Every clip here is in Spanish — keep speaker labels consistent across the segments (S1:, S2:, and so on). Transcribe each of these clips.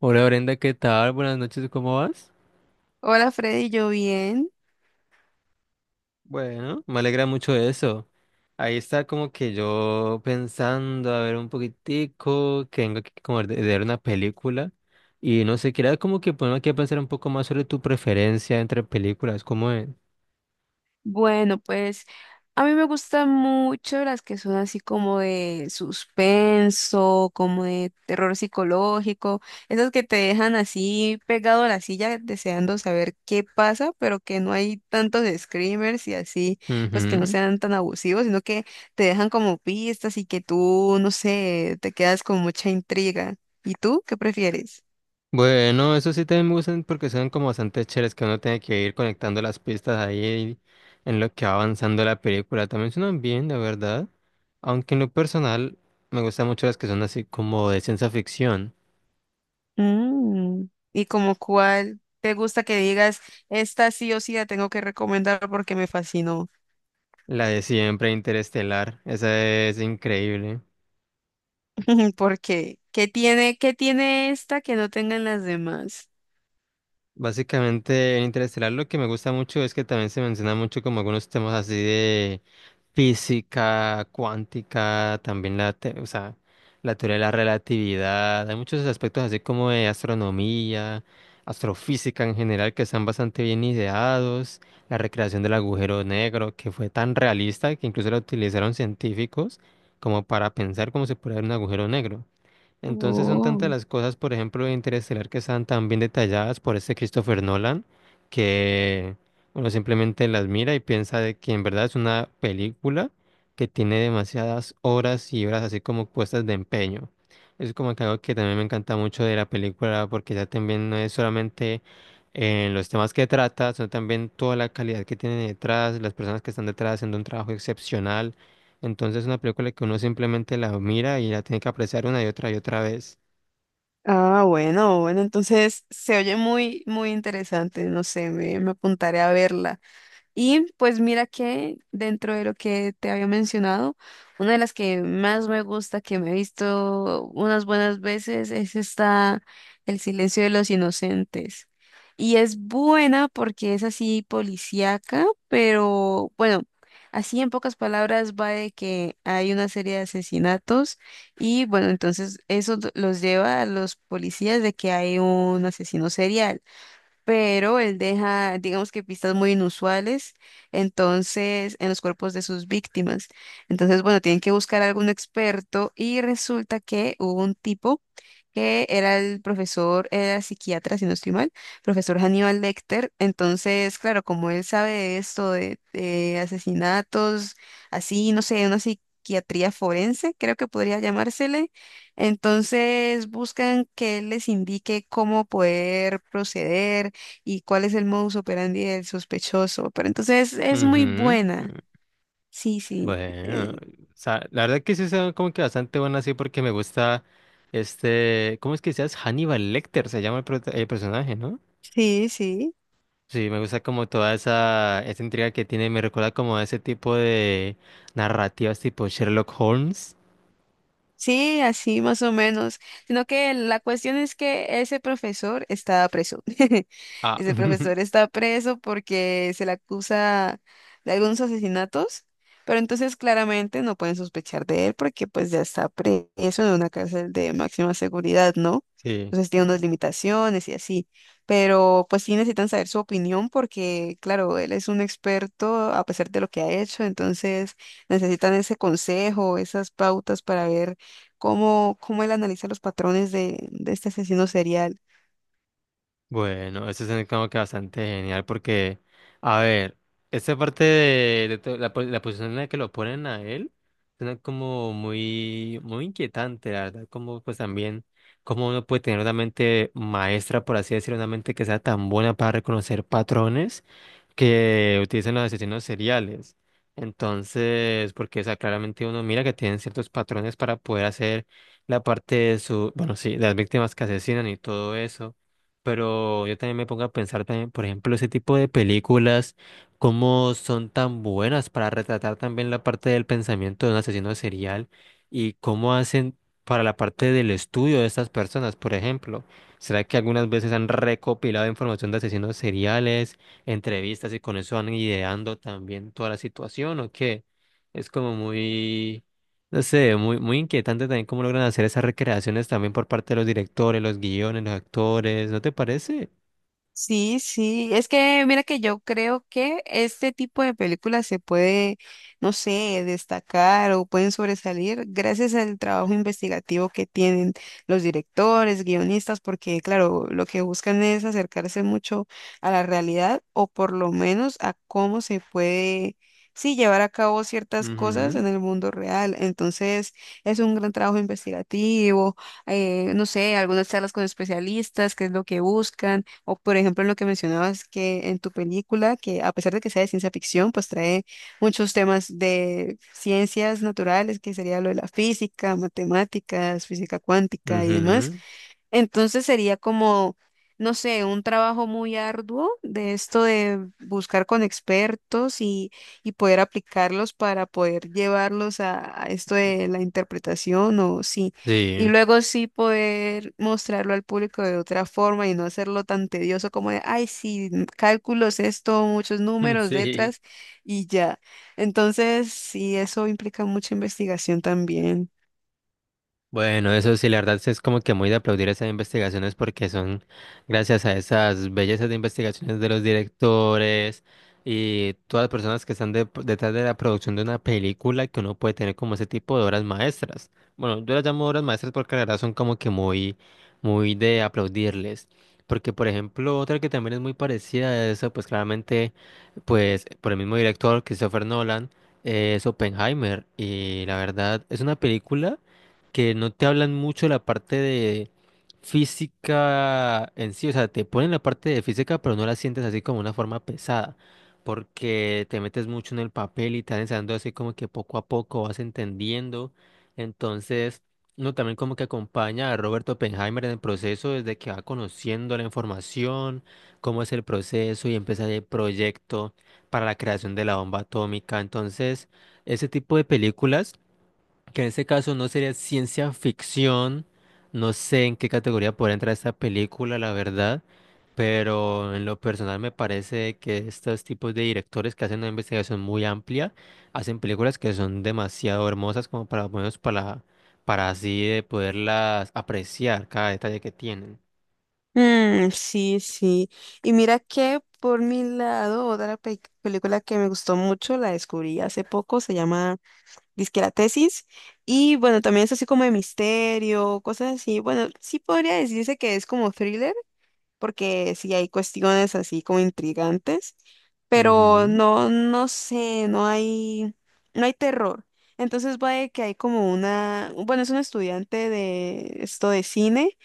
S1: Hola Brenda, ¿qué tal? Buenas noches, ¿cómo vas?
S2: Hola Freddy, ¿yo bien?
S1: Bueno, me alegra mucho eso. Ahí está como que yo pensando, a ver un poquitico, que vengo aquí como de ver una película y no sé, quería como que ponerme aquí a pensar un poco más sobre tu preferencia entre películas, ¿cómo es?
S2: Bueno, pues a mí me gustan mucho las que son así como de suspenso, como de terror psicológico, esas que te dejan así pegado a la silla deseando saber qué pasa, pero que no hay tantos screamers y así, pues que no sean tan abusivos, sino que te dejan como pistas y que tú, no sé, te quedas con mucha intriga. ¿Y tú qué prefieres?
S1: Bueno, eso sí también me gustan porque son como bastante chéveres que uno tiene que ir conectando las pistas ahí en lo que va avanzando la película. También suenan bien, la verdad. Aunque en lo personal me gustan mucho las que son así como de ciencia ficción.
S2: Mm. Y como cuál te gusta que digas, esta sí o sí la tengo que recomendar porque me fascinó.
S1: La de siempre Interestelar, esa es increíble.
S2: Porque, ¿qué tiene esta que no tengan las demás?
S1: Básicamente en Interestelar lo que me gusta mucho es que también se menciona mucho como algunos temas así física cuántica, también o sea, la teoría de la relatividad, hay muchos aspectos así como de astronomía, astrofísica en general que están bastante bien ideados, la recreación del agujero negro que fue tan realista que incluso la utilizaron científicos como para pensar cómo se puede ver un agujero negro. Entonces son tantas
S2: Oh.
S1: las cosas, por ejemplo, de Interestelar que están tan bien detalladas por este Christopher Nolan, que uno simplemente las mira y piensa de que en verdad es una película que tiene demasiadas horas y horas así como puestas de empeño. Es como que algo que también me encanta mucho de la película porque ya también no es solamente en los temas que trata, sino también toda la calidad que tiene detrás, las personas que están detrás haciendo un trabajo excepcional, entonces es una película que uno simplemente la mira y la tiene que apreciar una y otra vez.
S2: Ah, bueno, bueno, entonces se oye muy, muy interesante. No sé, me apuntaré a verla. Y pues mira que dentro de lo que te había mencionado, una de las que más me gusta, que me he visto unas buenas veces, es esta El silencio de los inocentes. Y es buena porque es así policíaca, pero bueno, así en pocas palabras va de que hay una serie de asesinatos y bueno, entonces eso los lleva a los policías de que hay un asesino serial, pero él deja, digamos que pistas muy inusuales, entonces, en los cuerpos de sus víctimas. Entonces, bueno, tienen que buscar a algún experto y resulta que hubo un tipo que era el profesor, era psiquiatra, si no estoy mal, profesor Hannibal Lecter. Entonces, claro, como él sabe de esto, de asesinatos, así, no sé, una psiquiatría forense, creo que podría llamársele. Entonces buscan que él les indique cómo poder proceder, y cuál es el modus operandi del sospechoso. Pero entonces es muy
S1: Ujú.
S2: buena.
S1: Mm.
S2: Sí, sí.
S1: Bueno, o
S2: eh,
S1: sea, la verdad que sí son como que bastante buenas así porque me gusta este, ¿cómo es que se llama? Hannibal Lecter se llama el, el personaje, ¿no?
S2: sí sí.
S1: Sí, me gusta como toda esa intriga que tiene, me recuerda como a ese tipo de narrativas tipo Sherlock Holmes.
S2: Sí, así más o menos. Sino que la cuestión es que ese profesor está preso.
S1: Ah,
S2: Ese profesor está preso porque se le acusa de algunos asesinatos, pero entonces claramente no pueden sospechar de él porque pues ya está preso en una cárcel de máxima seguridad, ¿no?
S1: sí.
S2: Entonces tiene unas limitaciones y así. Pero pues sí necesitan saber su opinión porque, claro, él es un experto a pesar de lo que ha hecho, entonces necesitan ese consejo, esas pautas para ver cómo, cómo él analiza los patrones de este asesino serial.
S1: Bueno, eso es como que bastante genial porque, a ver, esta parte de, la posición en la que lo ponen a él suena como muy, muy inquietante, la verdad, como pues también, como uno puede tener una mente maestra, por así decirlo, una mente que sea tan buena para reconocer patrones que utilizan los asesinos seriales. Entonces, porque, o sea, claramente uno mira que tienen ciertos patrones para poder hacer la parte de su, bueno, sí, de las víctimas que asesinan y todo eso. Pero yo también me pongo a pensar también, por ejemplo, ese tipo de películas, cómo son tan buenas para retratar también la parte del pensamiento de un asesino serial y cómo hacen para la parte del estudio de estas personas, por ejemplo. ¿Será que algunas veces han recopilado información de asesinos seriales? Entrevistas y con eso van ideando también toda la situación o qué. Es como muy, no sé, muy, muy inquietante también cómo logran hacer esas recreaciones también por parte de los directores, los guiones, los actores, ¿no te parece?
S2: Sí, sí, es que mira que yo creo que este tipo de películas se puede, no sé, destacar o pueden sobresalir gracias al trabajo investigativo que tienen los directores, guionistas, porque claro, lo que buscan es acercarse mucho a la realidad o por lo menos a cómo se puede, sí, llevar a cabo ciertas cosas
S1: Ujú,
S2: en el mundo real. Entonces, es un gran trabajo investigativo, no sé, algunas charlas con especialistas, qué es lo que buscan o por ejemplo, en lo que mencionabas que en tu película, que a pesar de que sea de ciencia ficción, pues trae muchos temas de ciencias naturales, que sería lo de la física, matemáticas, física cuántica y demás.
S1: ujú,
S2: Entonces sería como, no sé, un trabajo muy arduo de esto de buscar con expertos y poder aplicarlos para poder llevarlos a esto de la interpretación o sí. Y
S1: sí,
S2: luego sí poder mostrarlo al público de otra forma y no hacerlo tan tedioso como de, ay, sí, cálculos, esto, muchos números,
S1: sí.
S2: letras y ya. Entonces, sí, eso implica mucha investigación también.
S1: Bueno, eso sí, la verdad sí es como que muy de aplaudir esas investigaciones porque son gracias a esas bellezas de investigaciones de los directores y todas las personas que están detrás de la producción de una película que uno puede tener como ese tipo de obras maestras. Bueno, yo las llamo obras maestras porque la verdad son como que muy, muy de aplaudirles. Porque, por ejemplo, otra que también es muy parecida a eso, pues claramente, pues por el mismo director, Christopher Nolan, es Oppenheimer. Y la verdad es una película que no te hablan mucho la parte de física en sí, o sea, te ponen la parte de física, pero no la sientes así como una forma pesada, porque te metes mucho en el papel y te van enseñando así como que poco a poco vas entendiendo. Entonces, uno también como que acompaña a Robert Oppenheimer en el proceso desde que va conociendo la información, cómo es el proceso y empieza el proyecto para la creación de la bomba atómica. Entonces, ese tipo de películas que en este caso no sería ciencia ficción, no sé en qué categoría podría entrar esta película, la verdad, pero en lo personal me parece que estos tipos de directores que hacen una investigación muy amplia, hacen películas que son demasiado hermosas como para, para así de poderlas apreciar cada detalle que tienen.
S2: Mm, sí, sí. Y mira que por mi lado, otra película que me gustó mucho, la descubrí hace poco, se llama Disque la Tesis. Y bueno, también es así como de misterio, cosas así. Bueno, sí podría decirse que es como thriller, porque sí hay cuestiones así como intrigantes, pero
S1: Ujú,
S2: no, no sé, no hay terror. Entonces va de que hay como una, bueno, es un estudiante de esto de cine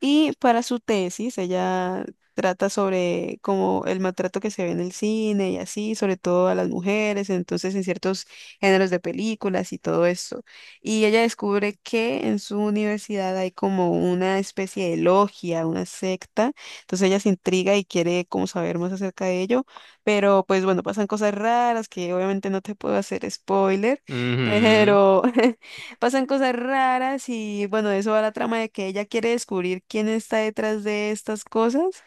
S2: y para su tesis, ella trata sobre como el maltrato que se ve en el cine y así, sobre todo a las mujeres, entonces en ciertos géneros de películas y todo eso. Y ella descubre que en su universidad hay como una especie de logia, una secta. Entonces ella se intriga y quiere como saber más acerca de ello. Pero pues bueno, pasan cosas raras que obviamente no te puedo hacer spoiler,
S1: ujú.
S2: pero pasan cosas raras y bueno, de eso va la trama de que ella quiere descubrir quién está detrás de estas cosas,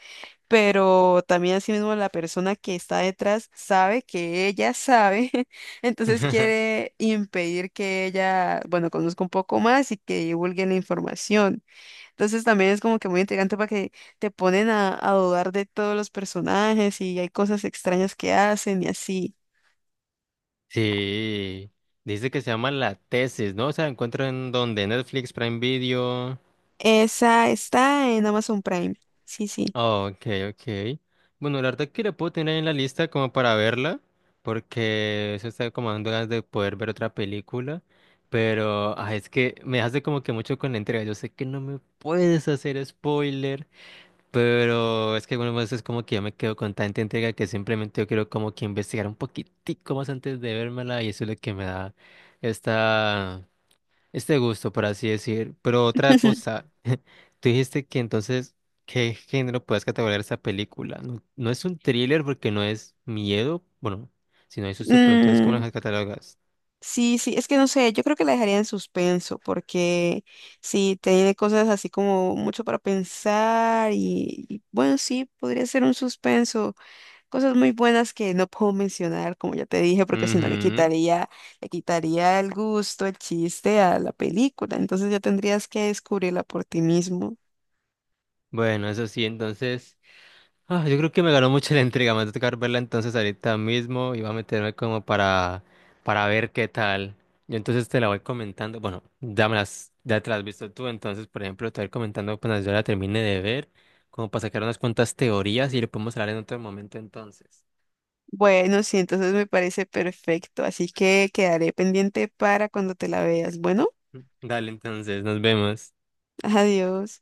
S2: pero también asimismo la persona que está detrás sabe que ella sabe, entonces quiere impedir que ella, bueno, conozca un poco más y que divulgue la información. Entonces también es como que muy intrigante para que te ponen a dudar de todos los personajes y hay cosas extrañas que hacen y así.
S1: Sí, dice que se llama La Tesis, ¿no? O sea, ¿encuentro en donde ¿Netflix, Prime Video?
S2: Esa está en Amazon Prime. Sí, sí.
S1: Oh, ok, ok. Bueno, la verdad que la puedo tener ahí en la lista como para verla, porque eso está como dando ganas de poder ver otra película, pero ah, es que me hace como que mucho con la entrega. Yo sé que no me puedes hacer spoiler, pero es que algunas veces como que yo me quedo con tanta entrega que simplemente yo quiero como que investigar un poquitico más antes de vérmela y eso es lo que me da esta este gusto, por así decir. Pero otra cosa, tú dijiste que entonces, ¿qué género puedes categorizar esta película? No, no es un thriller porque no es miedo, bueno, si no hay susto, pero entonces, ¿cómo
S2: Mm.
S1: las catalogas?
S2: Sí, sí, es que no sé, yo creo que la dejaría en suspenso porque sí, tiene cosas así como mucho para pensar y bueno, sí, podría ser un suspenso, cosas muy buenas que no puedo mencionar, como ya te dije, porque si no le
S1: Ujú.
S2: quitaría, le quitaría el gusto, el chiste a la película, entonces ya tendrías que descubrirla por ti mismo.
S1: Bueno, eso sí, entonces. Ah, yo creo que me ganó mucho la intriga. Me va a tocar verla entonces ahorita mismo y va a meterme como para ver qué tal. Yo entonces te la voy comentando. Bueno, ya me las, ya te las has visto tú. Entonces, por ejemplo, te voy a ir comentando cuando yo la termine de ver, como para sacar unas cuantas teorías y le podemos hablar en otro momento entonces.
S2: Bueno, sí, entonces me parece perfecto, así que quedaré pendiente para cuando te la veas. Bueno,
S1: Dale, entonces, nos vemos.
S2: adiós.